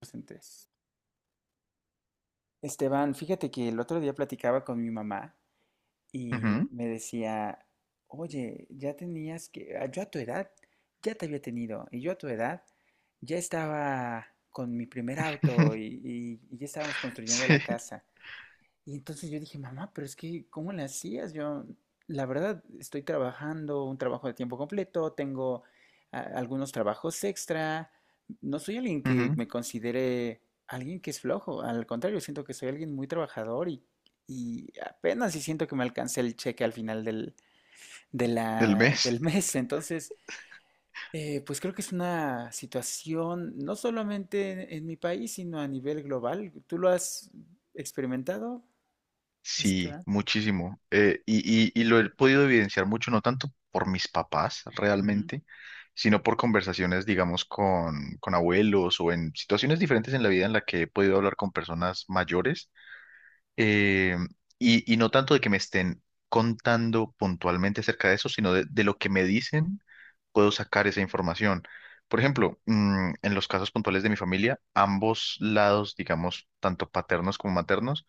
Docentes. Esteban, fíjate que el otro día platicaba con mi mamá y Ujú. me decía, oye, ya tenías que, yo a tu edad ya te había tenido y yo a tu edad ya estaba con mi primer auto y, y- y ya estábamos construyendo la Sí, casa. Y entonces yo dije, mamá, pero es que, ¿cómo le hacías? Yo, la verdad, estoy trabajando un trabajo de tiempo completo, tengo algunos trabajos extra, no soy alguien que ujú. me considere alguien que es flojo, al contrario, siento que soy alguien muy trabajador y apenas si siento que me alcanza el cheque al final Del mes. del mes. Entonces, pues creo que es una situación no solamente en mi país, sino a nivel global. ¿Tú lo has experimentado, este Sí, muchísimo. Y lo he podido evidenciar mucho, no tanto por mis papás Ujú, realmente, sino por conversaciones, digamos, con abuelos o en situaciones diferentes en la vida en la que he podido hablar con personas mayores, eh, y no tanto de que me estén contando puntualmente acerca de eso, sino de lo que me dicen, puedo sacar esa información. Por ejemplo, en los casos puntuales de mi familia, ambos lados, digamos, tanto paternos como maternos,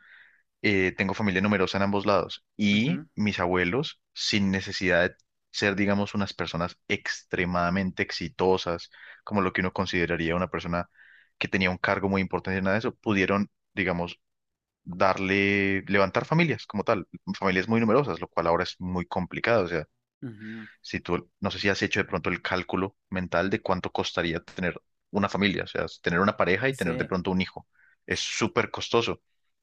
tengo familia numerosa en ambos lados. ujú, Y mis abuelos, sin necesidad de ser, digamos, unas personas extremadamente exitosas, como lo que uno consideraría una persona que tenía un cargo muy importante y nada de eso, pudieron, digamos, darle, levantar familias como tal, familias muy numerosas, lo cual ahora es muy complicado. O sea, ujú. si tú, no sé si has hecho de pronto el cálculo mental de cuánto costaría tener una familia, o sea, tener una pareja y tener de Sí, pronto un hijo. Es súper costoso.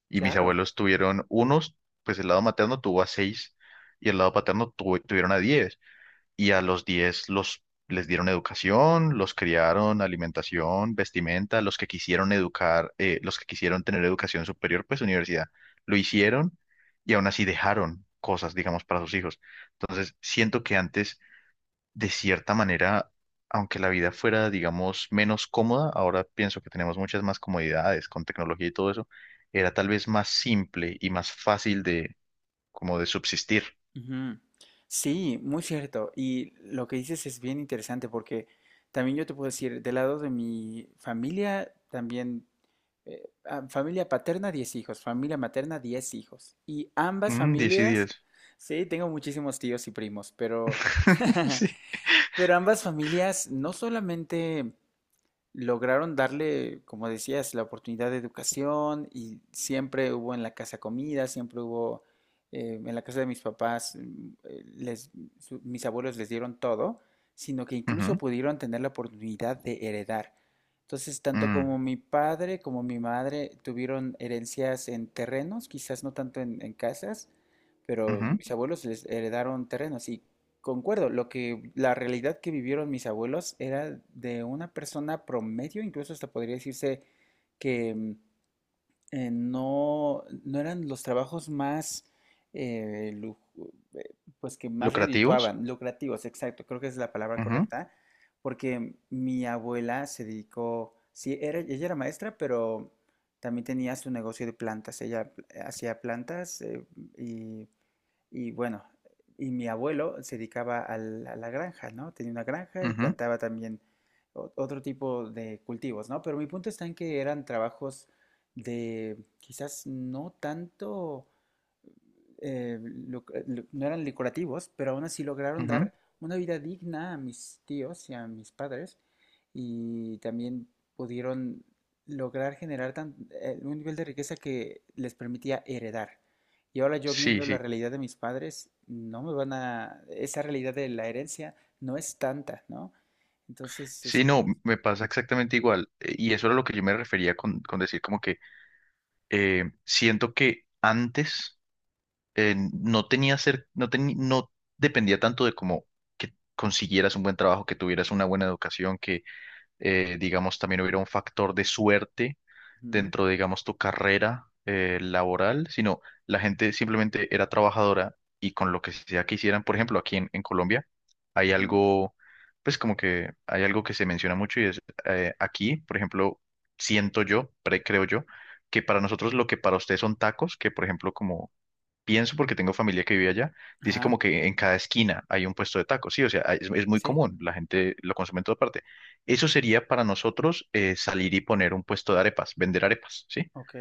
Y mis claro. abuelos tuvieron unos, pues el lado materno tuvo a seis y el lado paterno tuvieron a diez y a los 10 los, les dieron educación, los criaron, alimentación, vestimenta, los que quisieron educar, los que quisieron tener educación superior, pues universidad, lo hicieron y aún así dejaron cosas, digamos, para sus hijos. Entonces, siento que antes, de cierta manera, aunque la vida fuera, digamos, menos cómoda, ahora pienso que tenemos muchas más comodidades con tecnología y todo eso, era tal vez más simple y más fácil de, como de subsistir. Ujú. Sí, muy cierto. Y lo que dices es bien interesante porque también yo te puedo decir, del lado de mi familia, también, familia paterna, 10 hijos, familia materna, 10 hijos. Y ambas Mm, 10 y familias, diez. sí, tengo muchísimos tíos y primos, pero, Sí. pero ambas familias no solamente... lograron darle, como decías, la oportunidad de educación y siempre hubo en la casa comida, siempre hubo en la casa de mis papás, mis abuelos les dieron todo, sino que incluso Ujú. pudieron tener la oportunidad de heredar. Entonces, tanto como Mm. mi padre como mi madre tuvieron herencias en terrenos, quizás no tanto en casas, pero Ujú. mis abuelos les heredaron terrenos y Concuerdo, lo que la realidad que vivieron mis abuelos era de una persona promedio, incluso hasta podría decirse que no, no eran los trabajos más, eh, lu- eh, pues que más Lucrativos. redituaban, lucrativos, exacto, creo que es la palabra Ujú, correcta, porque mi abuela se dedicó, sí, era, ella era maestra, pero también tenía su negocio de plantas, ella hacía plantas y y bueno, y mi abuelo se dedicaba a la granja, ¿no? Tenía una granja y ujú, plantaba también otro tipo de cultivos, ¿no? Pero mi punto está en que eran trabajos de quizás no tanto no eran decorativos, pero aún así lograron ujú. dar una vida digna a mis tíos y a mis padres y también pudieron lograr generar un nivel de riqueza que les permitía heredar. Y ahora yo Sí, viendo la sí. realidad de mis padres, no me van a... Esa realidad de la herencia no es tanta, ¿no? Entonces es... Sí, no, Por eso. me pasa exactamente igual. Y eso era lo que yo me refería con decir como que siento que antes, no tenía ser, no teni- no dependía tanto de como que consiguieras un buen trabajo, que tuvieras una buena educación, que digamos también hubiera un factor de suerte Ujú, dentro de, digamos, tu carrera laboral, sino la gente simplemente era trabajadora y con lo que sea que hicieran, por ejemplo, aquí en Colombia, hay ujú. algo, pues como que hay algo que se menciona mucho y es aquí, por ejemplo, siento yo, creo yo, que para nosotros lo que para ustedes son tacos, que por ejemplo, como pienso porque tengo familia que vive allá, dice Ajá, como que en cada esquina hay un puesto de tacos, sí, o sea, es muy sí, común, la gente lo consume en toda parte. Eso sería para nosotros salir y poner un puesto de arepas, vender arepas, ¿sí? ok,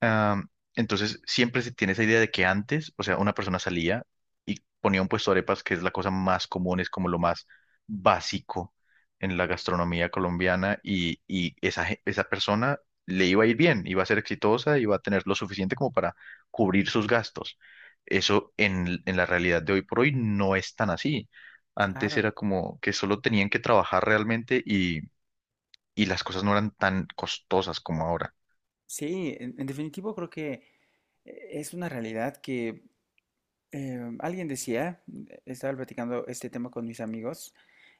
Am, entonces, siempre se tiene esa idea de que antes, o sea, una persona salía y ponía un puesto de arepas, que es la cosa más común, es como lo más básico en la gastronomía colombiana, y esa, esa persona le iba a ir bien, iba a ser exitosa, iba a tener lo suficiente como para cubrir sus gastos. Eso en la realidad de hoy por hoy no es tan así. Antes claro. era como que solo tenían que trabajar realmente y las cosas no eran tan costosas como ahora. Sí, en definitivo creo que es una realidad que alguien decía, estaba platicando este tema con mis amigos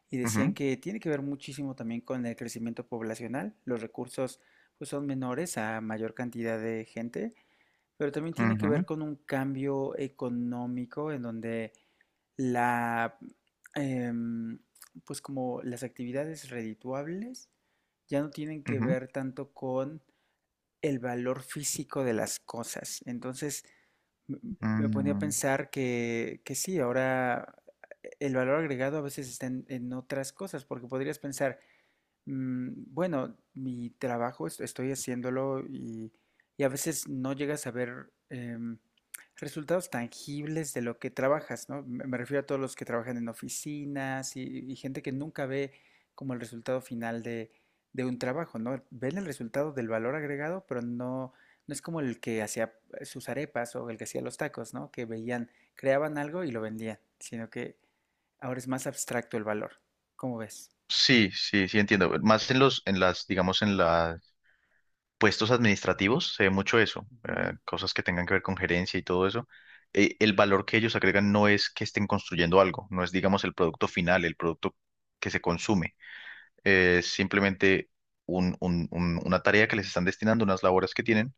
y decían Ujú, que tiene que ver muchísimo también con el crecimiento poblacional. Los recursos pues son menores a mayor cantidad de gente, pero también tiene que ver ujú, con un cambio económico en donde la em, pues como las actividades redituables ya no tienen que ujú. ver tanto con el valor físico de las cosas. Entonces, me me ponía a Mm, pensar que sí, ahora el valor agregado a veces está en otras cosas, porque podrías pensar, mm, bueno, mi trabajo estoy haciéndolo y a veces no llegas a ver resultados tangibles de lo que trabajas, ¿no? Me refiero a todos los que trabajan en oficinas y gente que nunca ve como el resultado final de un trabajo, ¿no? Ven el resultado del valor agregado, pero no, no es como el que hacía sus arepas o el que hacía los tacos, ¿no? Que veían, creaban algo y lo vendían, sino que ahora es más abstracto el valor. ¿Cómo ves? sí, sí, sí entiendo. Más en los, en las, digamos, en los puestos administrativos se ve mucho eso, Ujú. cosas que tengan que ver con gerencia y todo eso. El valor que ellos agregan no es que estén construyendo algo, no es, digamos, el producto final, el producto que se consume. Es simplemente una tarea que les están destinando, unas labores que tienen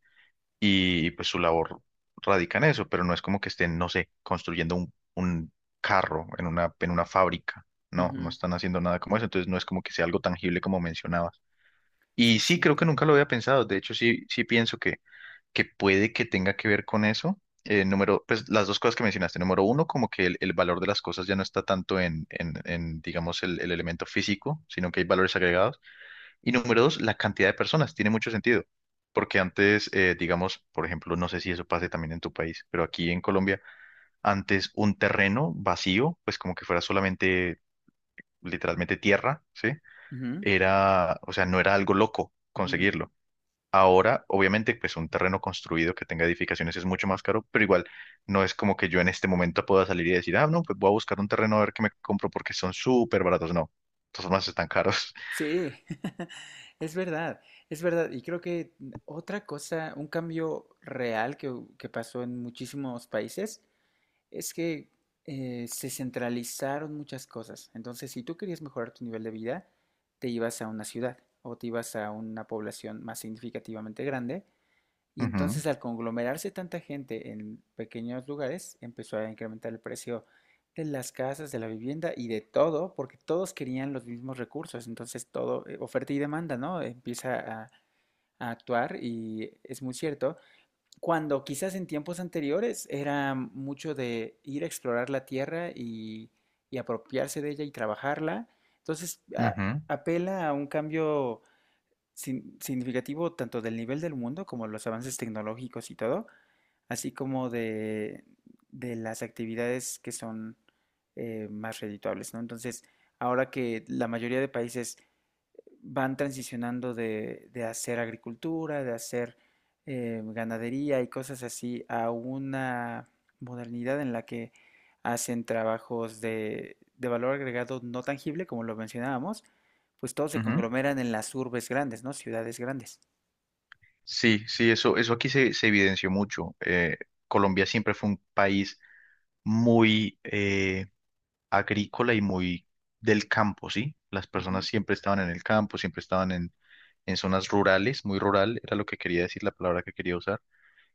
y pues su labor radica en eso, pero no es como que estén, no sé, construyendo un carro en una fábrica, no, no Ujú. están haciendo nada como eso, entonces no es como que sea algo tangible como mencionabas. Sí, Y es sí, creo que cierto. nunca lo había pensado, de hecho sí, sí pienso que puede que tenga que ver con eso. Número, pues las dos cosas que mencionaste. Número uno, como que el valor de las cosas ya no está tanto en digamos, el elemento físico, sino que hay valores agregados. Y número dos, la cantidad de personas. Tiene mucho sentido. Porque antes, digamos, por ejemplo, no sé si eso pase también en tu país, pero aquí en Colombia, antes un terreno vacío, pues como que fuera solamente, literalmente tierra, ¿sí? Ujú, Era, o sea, no era algo loco ujú. conseguirlo. Ahora, obviamente, pues un terreno construido que tenga edificaciones es mucho más caro, pero igual no es como que yo en este momento pueda salir y decir, ah, no, pues voy a buscar un terreno a ver qué me compro porque son súper baratos. No, de todas formas están caros. Sí, es verdad, es verdad. Y creo que otra cosa, un cambio real que pasó en muchísimos países es que se centralizaron muchas cosas. Entonces, si tú querías mejorar tu nivel de vida, te ibas a una ciudad o te ibas a una población más significativamente grande. Y Ujú, entonces al conglomerarse tanta gente en pequeños lugares, empezó a incrementar el precio de las casas, de la vivienda y de todo, porque todos querían los mismos recursos. Entonces todo, oferta y demanda, ¿no? Empieza a actuar y es muy cierto. Cuando quizás en tiempos anteriores era mucho de ir a explorar la tierra y apropiarse de ella y trabajarla. Entonces ujú, apela a un cambio significativo tanto del nivel del mundo como los avances tecnológicos y todo, así como de las actividades que son más redituables, ¿no? Entonces, ahora que la mayoría de países van transicionando de hacer agricultura, de hacer ganadería y cosas así a una modernidad en la que hacen trabajos de valor agregado no tangible, como lo mencionábamos, pues todos se ujú. conglomeran en las urbes grandes, ¿no? Ciudades grandes. Sí, sí, eso aquí se, se evidenció mucho. Colombia siempre fue un país muy agrícola y muy del campo, ¿sí? Las personas Ujú. siempre estaban en el campo, siempre estaban en zonas rurales, muy rural, era lo que quería decir, la palabra que quería usar.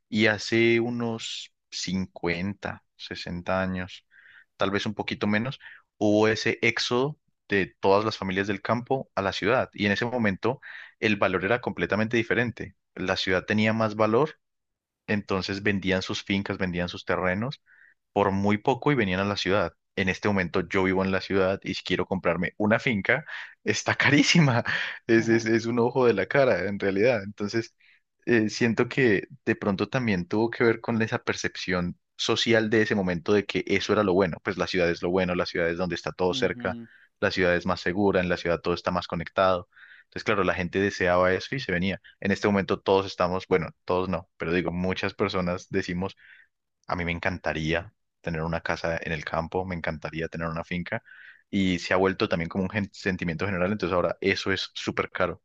Y hace unos 50, 60 años, tal vez un poquito menos, hubo ese éxodo de todas las familias del campo a la ciudad. Y en ese momento el valor era completamente diferente. La ciudad tenía más valor, entonces vendían sus fincas, vendían sus terrenos por muy poco y venían a la ciudad. En este momento yo vivo en la ciudad y si quiero comprarme una finca, está carísima. Es un ojo de la cara, en realidad. Entonces, siento que de pronto también tuvo que ver con esa percepción social de ese momento de que eso era lo bueno. Pues la ciudad es lo bueno, la ciudad es donde está todo cerca, Ujú. la ciudad es más segura, en la ciudad todo está más conectado. Entonces, claro, la gente deseaba eso y se venía. En este momento todos estamos, bueno, todos no, pero digo, muchas personas decimos, a mí me encantaría tener una casa en el campo, me encantaría tener una finca y se ha vuelto también como un sentimiento general, entonces ahora eso es súper caro.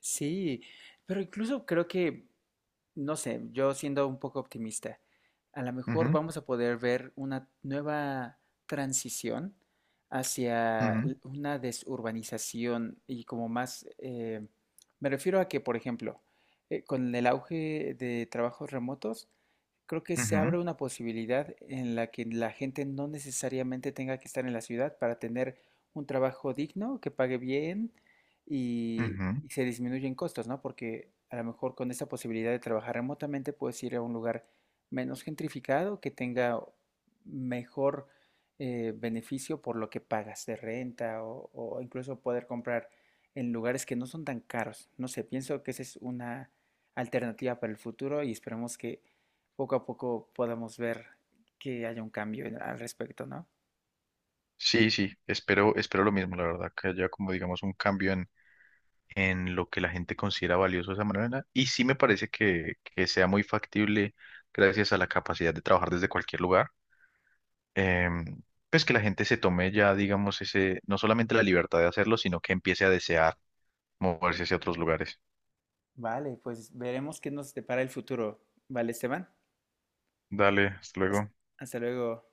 Sí, pero incluso creo que, no sé, yo siendo un poco optimista, a lo mejor Ujú, vamos a poder ver una nueva transición hacia ujú, una desurbanización y como más, me refiero a que, por ejemplo, con el auge de trabajos remotos, creo que se ujú, abre una posibilidad en la que la gente no necesariamente tenga que estar en la ciudad para tener un trabajo digno, que pague bien ujú. y se disminuyen costos, ¿no? Porque a lo mejor con esa posibilidad de trabajar remotamente puedes ir a un lugar menos gentrificado, que tenga mejor beneficio por lo que pagas de renta o incluso poder comprar en lugares que no son tan caros. No sé, pienso que esa es una alternativa para el futuro y esperemos que poco a poco podamos ver que haya un cambio al respecto, ¿no? Sí, sí, espero, espero lo mismo, la verdad, que haya como digamos un cambio en lo que la gente considera valioso de esa manera y sí me parece que sea muy factible gracias a la capacidad de trabajar desde cualquier lugar. Em, pues que la gente se tome ya, digamos, ese, no solamente la libertad de hacerlo, sino que empiece a desear moverse hacia otros lugares. Vale, pues veremos qué nos depara el futuro. Vale, Esteban. Dale, hasta Hasta, luego. hasta luego.